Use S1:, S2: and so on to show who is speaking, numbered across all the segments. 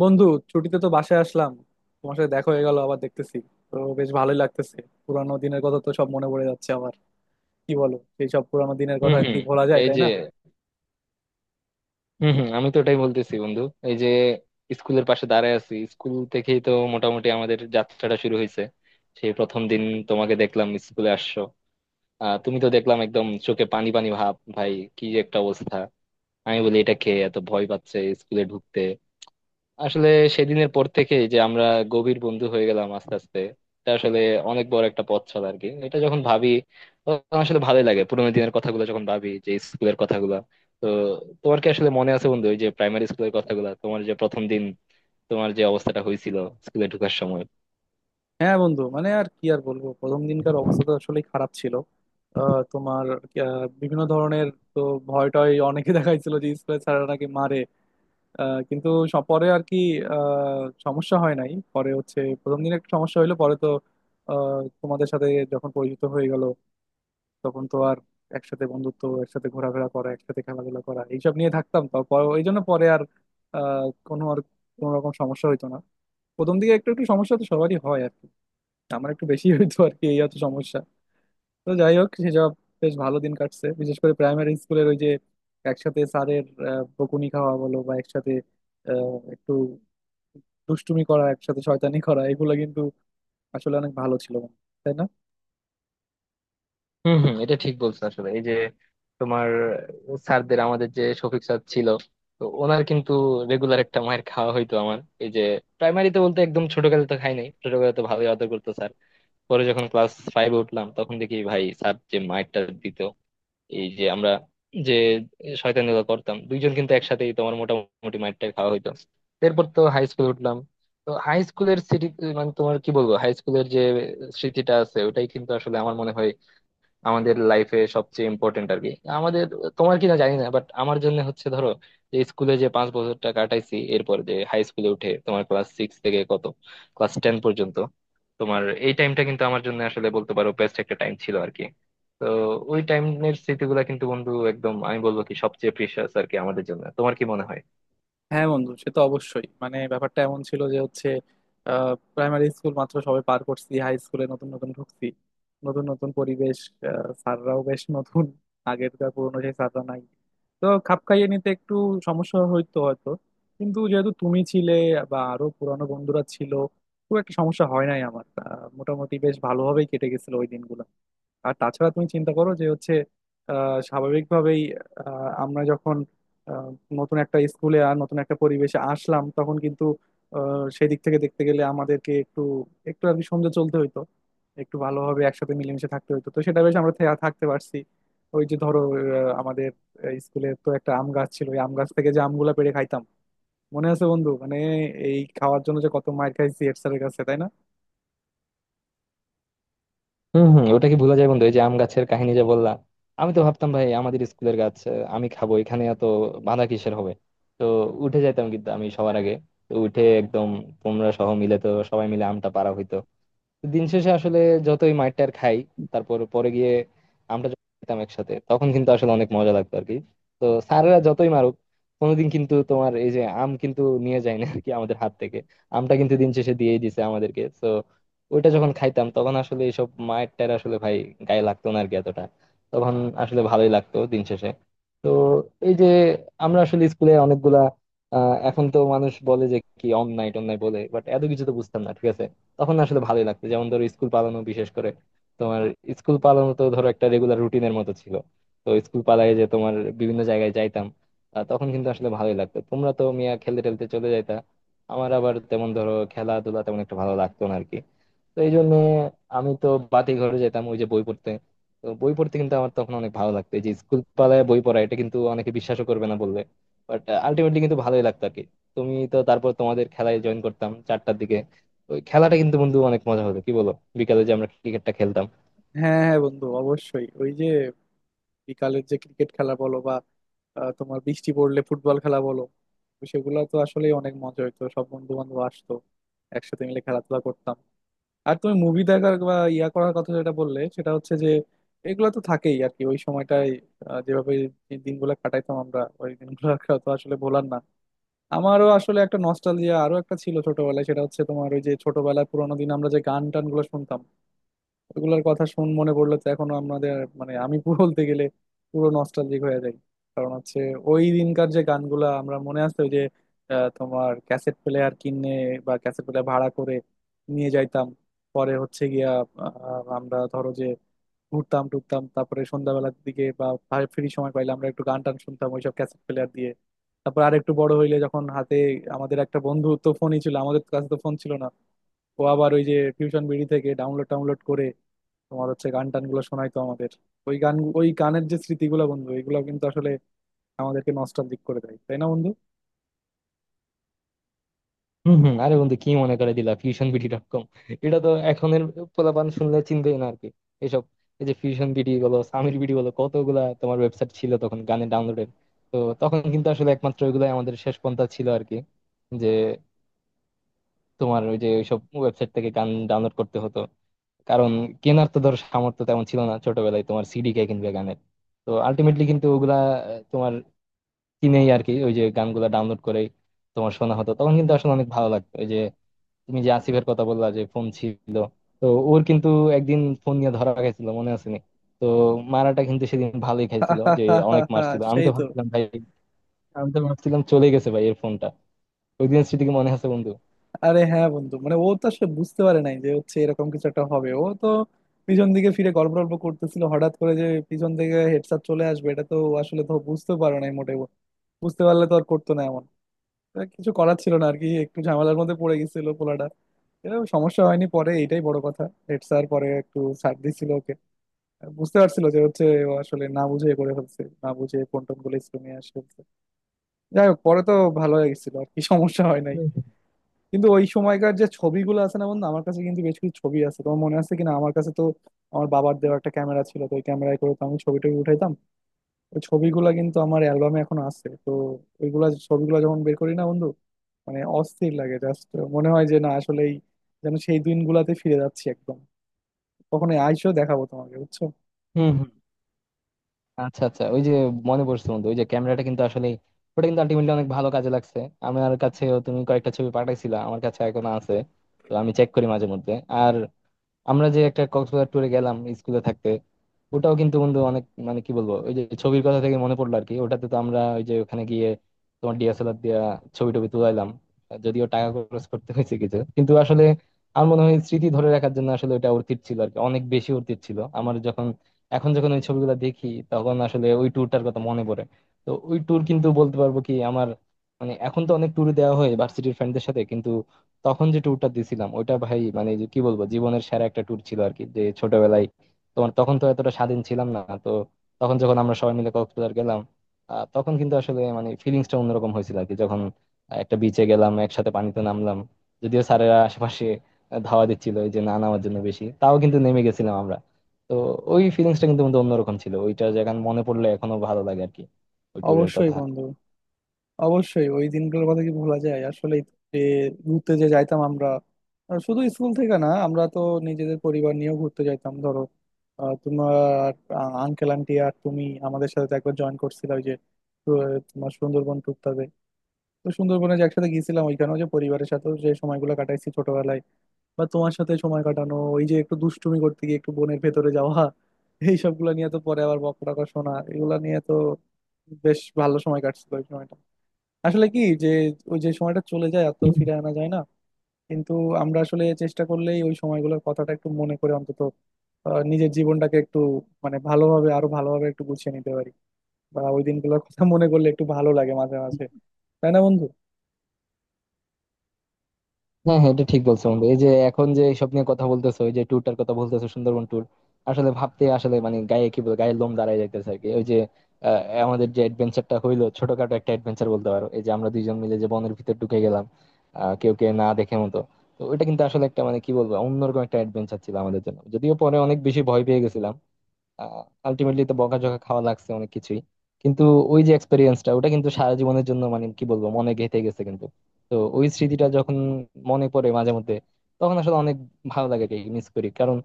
S1: বন্ধু, ছুটিতে তো বাসায় আসলাম। তোমার সাথে দেখা হয়ে গেল, আবার দেখতেছি, তো বেশ ভালোই লাগতেছে। পুরানো দিনের কথা তো সব মনে পড়ে যাচ্ছে আবার। কি বলো, সেই সব পুরানো দিনের
S2: হম
S1: কথা কি
S2: হম।
S1: ভোলা যায়,
S2: এই
S1: তাই
S2: যে,
S1: না?
S2: হম হম, আমি তো ওটাই বলতেছি বন্ধু। এই যে স্কুলের পাশে দাঁড়ায় আছি, স্কুল থেকেই তো মোটামুটি আমাদের যাত্রাটা শুরু হয়েছে। সেই প্রথম দিন তোমাকে দেখলাম স্কুলে আসছো। তুমি তো দেখলাম একদম চোখে পানি পানি ভাব ভাই, কি যে একটা অবস্থা। আমি বলি এটা খেয়ে এত ভয় পাচ্ছে স্কুলে ঢুকতে। আসলে সেদিনের পর থেকে যে আমরা গভীর বন্ধু হয়ে গেলাম আস্তে আস্তে, এটা আসলে অনেক বড় একটা পথ চলা আর কি। এটা যখন ভাবি তখন আসলে ভালোই লাগে, পুরোনো দিনের কথাগুলো যখন ভাবি, যে স্কুলের কথাগুলো। তো তোমার কি আসলে মনে আছে বন্ধু, ওই যে প্রাইমারি স্কুলের কথাগুলো, তোমার যে প্রথম দিন তোমার যে অবস্থাটা হয়েছিল স্কুলে ঢোকার সময়?
S1: হ্যাঁ বন্ধু, মানে আর কি আর বলবো, প্রথম দিনকার অবস্থা তো আসলে খারাপ ছিল। তোমার, বিভিন্ন ধরনের, তো ভয় টয় অনেকে দেখাইছিল যে স্কুলের স্যাররা নাকি মারে। কিন্তু পরে আর কি সমস্যা হয় নাই, পরে হচ্ছে প্রথম দিন একটু সমস্যা হইলো, পরে তো তোমাদের সাথে যখন পরিচিত হয়ে গেল তখন তো আর একসাথে বন্ধুত্ব, একসাথে ঘোরাফেরা করা, একসাথে খেলাধুলা করা, এইসব নিয়ে থাকতাম, তো এই জন্য পরে আর আহ, কোনো আর কোনো রকম সমস্যা হইতো না। প্রথম দিকে একটু একটু সমস্যা তো সবারই হয় আর কি, আমার একটু বেশি হইতো আর কি, এই হচ্ছে সমস্যা। তো যাই হোক, সেসব বেশ ভালো দিন কাটছে। বিশেষ করে প্রাইমারি স্কুলের ওই যে একসাথে স্যারের বকুনি খাওয়া বলো, বা একসাথে একটু দুষ্টুমি করা, একসাথে শয়তানি করা, এগুলো কিন্তু আসলে অনেক ভালো ছিল, তাই না?
S2: হম হম, এটা ঠিক বলছো। আসলে এই যে তোমার, স্যারদের, আমাদের যে শফিক স্যার ছিল তো ওনার কিন্তু রেগুলার একটা মায়ের খাওয়া হইতো আমার। এই যে প্রাইমারিতে বলতে একদম ছোটকালে তো খাই নাই, ছোটকালে তো ভালোই আদর করতো স্যার। পরে যখন ক্লাস 5-এ উঠলাম তখন দেখি ভাই স্যার যে মাইরটা দিত, এই যে আমরা যে শয়তানিগুলো করতাম দুইজন কিন্তু একসাথেই, তোমার মোটামুটি মাইরটা খাওয়া হইতো। এরপর তো হাই স্কুলে উঠলাম। তো হাই স্কুলের স্মৃতি, মানে তোমার কি বলবো, হাই স্কুলের যে স্মৃতিটা আছে ওটাই কিন্তু আসলে আমার মনে হয় আমাদের লাইফে সবচেয়ে ইম্পর্টেন্ট আর কি। আমাদের, তোমার কিনা জানি না, বাট আমার জন্য হচ্ছে ধরো, যে স্কুলে যে 5 বছরটা কাটাইছি, এরপর যে হাই স্কুলে উঠে তোমার ক্লাস 6 থেকে কত ক্লাস 10 পর্যন্ত, তোমার এই টাইমটা কিন্তু আমার জন্য আসলে বলতে পারো বেস্ট একটা টাইম ছিল আর কি। তো ওই টাইমের স্মৃতিগুলো কিন্তু বন্ধু একদম, আমি বলবো কি, সবচেয়ে প্রিশিয়াস আর কি আমাদের জন্য। তোমার কি মনে হয়?
S1: হ্যাঁ বন্ধু, সে তো অবশ্যই। মানে ব্যাপারটা এমন ছিল যে হচ্ছে প্রাইমারি স্কুল মাত্র সবে পার করছি, হাই স্কুলে নতুন নতুন ঢুকছি, নতুন নতুন পরিবেশ, স্যাররাও বেশ নতুন, আগেরকার পুরোনো সেই স্যাররা নাই। তো খাপ খাইয়ে নিতে একটু সমস্যা হইতো হয়তো, কিন্তু যেহেতু তুমি ছিলে বা আরো পুরানো বন্ধুরা ছিল, খুব একটা সমস্যা হয় নাই আমার। মোটামুটি বেশ ভালোভাবেই কেটে গেছিল ওই দিনগুলো। আর তাছাড়া তুমি চিন্তা করো, যে হচ্ছে স্বাভাবিকভাবেই আমরা যখন আহ, নতুন একটা স্কুলে আর নতুন একটা পরিবেশে আসলাম, তখন কিন্তু সেই দিক থেকে দেখতে গেলে আমাদেরকে একটু একটু আর কি সমঝে চলতে হইতো, একটু ভালোভাবে একসাথে মিলেমিশে থাকতে হইতো, তো সেটা বেশ আমরা থাকতে পারছি। ওই যে ধরো আমাদের স্কুলে তো একটা আম গাছ ছিল, ওই আম গাছ থেকে যে আমগুলা পেড়ে খাইতাম, মনে আছে বন্ধু? মানে এই খাওয়ার জন্য যে কত মার খাইছি হেড স্যারের কাছে, তাই না?
S2: হম হম, ওটা কি ভুলা যায় বন্ধু? এই যে আম গাছের কাহিনী যে বললা, আমি তো ভাবতাম ভাই আমাদের স্কুলের গাছ, আমি খাবো, এখানে এত বাধা কিসের হবে। তো উঠে যাইতাম কিন্তু আমি সবার আগে, তো উঠে একদম তোমরা সহ মিলে, তো সবাই মিলে আমটা পাড়া হইতো। দিন শেষে আসলে যতই মাইর টার খাই, তারপর পরে গিয়ে আমরা যখন খেতাম একসাথে, তখন কিন্তু আসলে অনেক মজা লাগতো আর কি। তো স্যারেরা যতই মারুক, কোনোদিন কিন্তু তোমার এই যে আম কিন্তু নিয়ে যায় না আর কি আমাদের হাত থেকে, আমটা কিন্তু দিন শেষে দিয়েই দিছে আমাদেরকে। তো ওইটা যখন খাইতাম তখন আসলে এইসব মায়ের টায়ের আসলে ভাই গায়ে লাগতো না আর কি এতটা। তখন আসলে ভালোই লাগতো দিন শেষে। তো এই যে আমরা আসলে স্কুলে অনেকগুলা, এখন তো মানুষ বলে যে কি অন নাইট অন বলে, বাট এত কিছু তো বুঝতাম না ঠিক আছে। তখন না আসলে ভালোই লাগতো, যেমন ধরো স্কুল পালানো, বিশেষ করে তোমার স্কুল পালানো তো ধরো একটা রেগুলার রুটিনের মতো ছিল। তো স্কুল পালায় যে তোমার বিভিন্ন জায়গায় যাইতাম, তখন কিন্তু আসলে ভালোই লাগতো। তোমরা তো মিয়া খেলতে টেলতে চলে যাইতা, আমার আবার তেমন ধরো খেলাধুলা তেমন একটা ভালো লাগতো না আরকি। তো এই জন্য আমি তো বাতি ঘরে যেতাম ওই যে বই পড়তে। তো বই পড়তে কিন্তু আমার তখন অনেক ভালো লাগতো। এই যে স্কুল পালায় বই পড়া, এটা কিন্তু অনেকে বিশ্বাসও করবে না বললে, বাট আলটিমেটলি কিন্তু ভালোই লাগতো আর কি। তুমি তো, তারপর তোমাদের খেলায় জয়েন করতাম 4টার দিকে, ওই খেলাটা কিন্তু বন্ধু অনেক মজা হতো কি বলো, বিকালে যে আমরা ক্রিকেটটা খেলতাম।
S1: হ্যাঁ হ্যাঁ বন্ধু, অবশ্যই। ওই যে বিকালের যে ক্রিকেট খেলা বলো, বা তোমার বৃষ্টি পড়লে ফুটবল খেলা বলো, তো সেগুলো তো আসলে অনেক মজা হইতো, সব বন্ধু বান্ধব আসতো, একসাথে মিলে খেলাধুলা করতাম। আর তুমি মুভি দেখার বা ইয়া করার কথা যেটা বললে, সেটা হচ্ছে যে এগুলো তো থাকেই আর কি ওই সময়টায়। যেভাবে এই দিনগুলো কাটাইতাম আমরা, ওই দিনগুলো তো আসলে ভোলার না। আমারও আসলে একটা নস্টালজিয়া আরো একটা ছিল ছোটবেলায়, সেটা হচ্ছে তোমার ওই যে ছোটবেলায় পুরোনো দিন আমরা যে গান টান গুলো শুনতাম, ওগুলোর কথা শুন মনে পড়লে তো এখনো আমাদের, মানে আমি পুরো বলতে গেলে পুরো নস্টালজিক হয়ে যাই। কারণ হচ্ছে ওই দিনকার যে গানগুলা আমরা, মনে আছে ওই যে তোমার ক্যাসেট প্লেয়ার কিনে বা ক্যাসেট প্লেয়ার ভাড়া করে নিয়ে যাইতাম, পরে হচ্ছে গিয়া আমরা ধরো যে ঘুরতাম টুরতাম, তারপরে সন্ধ্যাবেলার দিকে বা ফ্রি সময় পাইলে আমরা একটু গান টান শুনতাম ওইসব ক্যাসেট প্লেয়ার দিয়ে। তারপর আর একটু বড় হইলে, যখন হাতে আমাদের একটা বন্ধু তো ফোনই ছিল, আমাদের কাছে তো ফোন ছিল না। ও আবার ওই যে ফিউশন বিডি থেকে ডাউনলোড টাউনলোড করে তোমার হচ্ছে গান টান গুলো শোনাইতো আমাদের। ওই গান, ওই গানের যে স্মৃতিগুলো বন্ধু, এগুলো কিন্তু আসলে আমাদেরকে নস্টালজিক করে দেয়, তাই না বন্ধু?
S2: হম হম, আরে বন্ধু কি মনে করে দিলা, fusionbd.com! এটা তো এখনের পোলাপান শুনলে চিনবেই না আরকি এসব। এই যে ফিউশন বিডি বলো, সামির বিডি বলো, কতগুলা তোমার ওয়েবসাইট ছিল তখন গানের ডাউনলোডের। তো তখন কিন্তু আসলে একমাত্র ওইগুলাই আমাদের শেষ পন্থা ছিল আরকি, যে তোমার ওই যে ওইসব ওয়েবসাইট থেকে গান ডাউনলোড করতে হতো। কারণ কেনার তো ধর সামর্থ্য তেমন ছিল না ছোটবেলায়, তোমার সিডি কে কিনবে গানের। তো আলটিমেটলি কিন্তু ওগুলা, তোমার কিনেই আর কি ওই যে গানগুলো ডাউনলোড করেই তোমার শোনা হতো। তখন কিন্তু আসলে অনেক ভালো লাগতো। ওই যে তুমি যে আসিফের কথা বললা যে ফোন ছিল, তো ওর কিন্তু একদিন ফোন নিয়ে ধরা খাইছিল মনে আছে নি? তো মারাটা কিন্তু সেদিন ভালোই খাইছিল যে, অনেক মারছিল। আমি
S1: সেই
S2: তো
S1: তো।
S2: ভাবছিলাম ভাই, আমি তো ভাবছিলাম চলে গেছে ভাই এর ফোনটা। ওই দিনের স্মৃতি কি মনে আছে বন্ধু?
S1: আরে হ্যাঁ বন্ধু, মানে ও তো আসলে বুঝতে পারে নাই যে হচ্ছে এরকম কিছু একটা হবে। ও তো পিছন দিকে ফিরে গল্প টল্প করতেছিল, হঠাৎ করে যে পিছন থেকে হেডসেট চলে আসবে এটা তো ও আসলে তো বুঝতে পারে নাই মোটেও। বুঝতে পারলে তো আর করতো না এমন। কিছু করার ছিল না আর কি, একটু ঝামেলার মধ্যে পড়ে গেছিল পোলাটা। এরকম সমস্যা হয়নি পরে, এইটাই বড় কথা। হেড স্যার পরে একটু ছাড় দিছিল ওকে, বুঝতে পারছিল যে হচ্ছে ও আসলে না বুঝে করে ফেলছে, না বুঝে ফোন টোন গুলো স্কুল নিয়ে আসে ফেলছে। যাই হোক, পরে তো ভালো হয়ে গেছিল আর কি, সমস্যা হয় নাই।
S2: হুম, হুম।
S1: কিন্তু ওই সময়কার যে ছবিগুলো আছে না বন্ধু, আমার কাছে কিন্তু বেশ কিছু ছবি আছে, তোমার মনে আছে কিনা। আমার কাছে তো আমার বাবার দেওয়া একটা ক্যামেরা ছিল, তো ওই ক্যামেরায় করে তো আমি ছবি টবি উঠাইতাম। ওই ছবিগুলা কিন্তু আমার অ্যালবামে এখন আছে। তো ওইগুলা ছবিগুলো যখন বের করি না বন্ধু, মানে অস্থির লাগে জাস্ট। মনে হয় যে না, আসলেই যেন সেই দিনগুলাতে ফিরে যাচ্ছি একদম। কখনো আইসো, দেখাবো তোমাকে, বুঝছো?
S2: হম হম, আচ্ছা আচ্ছা, ওই যে মনে পড়ছে বন্ধু, ওই যে ক্যামেরাটা কিন্তু আসলে, ওটা কিন্তু আলটিমেটলি অনেক ভালো কাজে লাগছে। আমার কাছেও তুমি কয়েকটা ছবি পাঠাইছিলা, আমার কাছে এখনো আছে। তো আমি চেক করি মাঝে মধ্যে। আর আমরা যে একটা কক্সবাজার ট্যুরে গেলাম স্কুলে থাকতে, ওটাও কিন্তু বন্ধু অনেক, মানে কি বলবো, ওই যে ছবির কথা থেকে মনে পড়লো আর কি। ওটাতে তো আমরা ওই যে ওখানে গিয়ে তোমার DSLR দিয়ে ছবি টবি তুলাইলাম। যদিও টাকা খরচ করতে হয়েছে কিছু, কিন্তু আসলে আমার মনে হয় স্মৃতি ধরে রাখার জন্য আসলে ওটা অর্থিত ছিল আর কি, অনেক বেশি অর্থিত ছিল আমার, যখন এখন যখন ওই ছবিগুলো দেখি তখন আসলে ওই ট্যুরটার কথা মনে পড়ে। তো ওই ট্যুর কিন্তু বলতে পারবো কি আমার, মানে এখন তো অনেক ট্যুর দেওয়া হয় ভার্সিটির ফ্রেন্ডদের সাথে, কিন্তু তখন যে ট্যুরটা দিছিলাম ওইটা ভাই, মানে যে কি বলবো, জীবনের সেরা একটা ট্যুর ছিল আর কি, যে ছোটবেলায় তোমার, তখন তো এতটা স্বাধীন ছিলাম না তো। তখন যখন আমরা সবাই মিলে কক্সবাজার গেলাম, তখন কিন্তু আসলে মানে ফিলিংসটা অন্যরকম হয়েছিল আর কি, যখন একটা বিচে গেলাম একসাথে, পানিতে নামলাম। যদিও স্যারেরা আশেপাশে ধাওয়া দিচ্ছিল এই যে না নামার জন্য বেশি, তাও কিন্তু নেমে গেছিলাম আমরা। তো ওই ফিলিংসটা কিন্তু আমাদের অন্যরকম ছিল, ওইটা যেখানে মনে পড়লে এখনো ভালো লাগে আর কি, ওই ট্যুরের
S1: অবশ্যই
S2: কথা।
S1: বন্ধু, অবশ্যই। ওই দিনগুলোর কথা কি ভোলা যায় আসলে, যে ঘুরতে যে যাইতাম আমরা। শুধু স্কুল থেকে না, আমরা তো নিজেদের পরিবার নিয়েও ঘুরতে যাইতাম ধরো, তোমার আঙ্কেল আন্টি আর তুমি আমাদের সাথে তো একবার জয়েন করছিলে ওই যে আহ, তোমার সুন্দরবন টুকটাতে। তো সুন্দরবনে যে একসাথে গিয়েছিলাম, ওইখানেও যে পরিবারের সাথেও যে সময়গুলো কাটাইছি ছোটবেলায়, বা তোমার সাথে সময় কাটানো, ওই যে একটু দুষ্টুমি করতে গিয়ে একটু বনের ভেতরে যাওয়া এই সবগুলো নিয়ে তো পরে আবার বকা টকা শোনা, এগুলা নিয়ে তো বেশ ভালো সময় কাটছিল ওই সময়টা। আসলে কি যে, ওই যে সময়টা চলে যায় আর তো ফিরে আনা যায় না। কিন্তু আমরা আসলে চেষ্টা করলেই ওই সময়গুলোর কথাটা একটু মনে করে অন্তত নিজের জীবনটাকে একটু মানে ভালোভাবে, আরো ভালোভাবে একটু গুছিয়ে নিতে পারি। বা ওই দিনগুলোর কথা মনে করলে একটু ভালো লাগে মাঝে মাঝে, তাই না বন্ধু?
S2: হ্যাঁ হ্যাঁ, এটা ঠিক বলছো বন্ধু। এই যে এখন যে সব নিয়ে কথা বলতেছো, ওই যে ট্যুরটার কথা বলতেছো সুন্দরবন ট্যুর, আসলে ভাবতে, আসলে মানে গায়ে কি বলে গায়ে লোম দাঁড়ায় যাইতেছে আর কি। ওই যে আহ, আমাদের যে অ্যাডভেঞ্চারটা হইলো, ছোটখাটো একটা অ্যাডভেঞ্চার বলতে পারো, এই যে আমরা দুইজন মিলে যে বনের ভিতর ঢুকে গেলাম, কেউ কে না দেখে মতো। তো ওইটা কিন্তু আসলে একটা মানে কি বলবো অন্যরকম একটা অ্যাডভেঞ্চার ছিল আমাদের জন্য, যদিও পরে অনেক বেশি ভয় পেয়ে গেছিলাম। আলটিমেটলি তো বকাঝকা খাওয়া লাগছে অনেক কিছুই, কিন্তু ওই যে এক্সপেরিয়েন্সটা, ওটা কিন্তু সারা জীবনের জন্য মানে কি বলবো মনে গেঁথে গেছে কিন্তু। তো ওই স্মৃতিটা যখন মনে পড়ে মাঝে মধ্যে, তখন আসলে অনেক ভালো লাগে, যে মিস করি। কারণ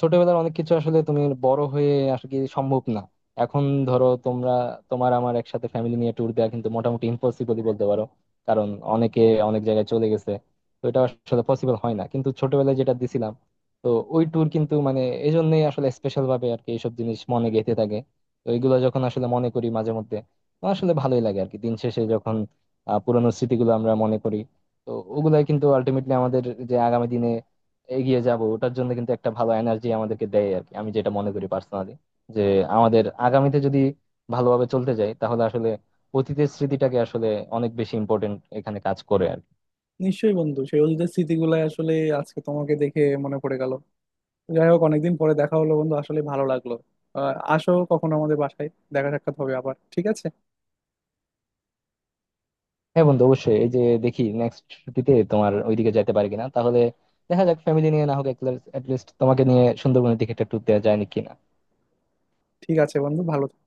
S2: ছোটবেলার অনেক কিছু আসলে তুমি বড় হয়ে আসলে কি সম্ভব না এখন। ধরো তোমরা, তোমার আমার একসাথে ফ্যামিলি নিয়ে ট্যুর দেওয়া কিন্তু মোটামুটি ইম্পসিবলই বলতে পারো। কারণ অনেকে অনেক জায়গায় চলে গেছে। তো এটা আসলে পসিবল হয় না, কিন্তু ছোটবেলায় যেটা দিছিলাম, তো ওই ট্যুর কিন্তু মানে এই জন্যই আসলে স্পেশাল ভাবে আর কি এইসব জিনিস মনে গেঁথে থাকে। তো এইগুলো যখন আসলে মনে করি মাঝে মধ্যে, তো আসলে ভালোই লাগে আর কি দিন শেষে, যখন পুরানো স্মৃতিগুলো আমরা মনে করি। তো ওগুলাই কিন্তু আলটিমেটলি আমাদের যে আগামী দিনে এগিয়ে যাব, ওটার জন্য কিন্তু একটা ভালো এনার্জি আমাদেরকে দেয় আর কি, আমি যেটা মনে করি পার্সোনালি, যে আমাদের আগামীতে যদি ভালোভাবে চলতে যাই তাহলে আসলে অতীতের স্মৃতিটাকে আসলে অনেক বেশি ইম্পর্টেন্ট এখানে কাজ করে আর কি।
S1: নিশ্চয়ই বন্ধু, সেই অতীতের স্মৃতিগুলাই আসলে আজকে তোমাকে দেখে মনে পড়ে গেল। যাই হোক, অনেকদিন পরে দেখা হলো বন্ধু, আসলে ভালো লাগলো। আসো কখনো আমাদের বাসায়, দেখা সাক্ষাৎ হবে আবার, ঠিক আছে?
S2: হ্যাঁ বন্ধু অবশ্যই, এই যে দেখি নেক্সট ছুটিতে তোমার ওইদিকে যাইতে পারি কিনা, তাহলে দেখা যাক, ফ্যামিলি নিয়ে না হোক অ্যাটলিস্ট তোমাকে নিয়ে সুন্দরবনের দিকে একটা ট্যুর দেওয়া যায় নাকি।
S1: ঠিক আছে বন্ধু, ভালো থেকো।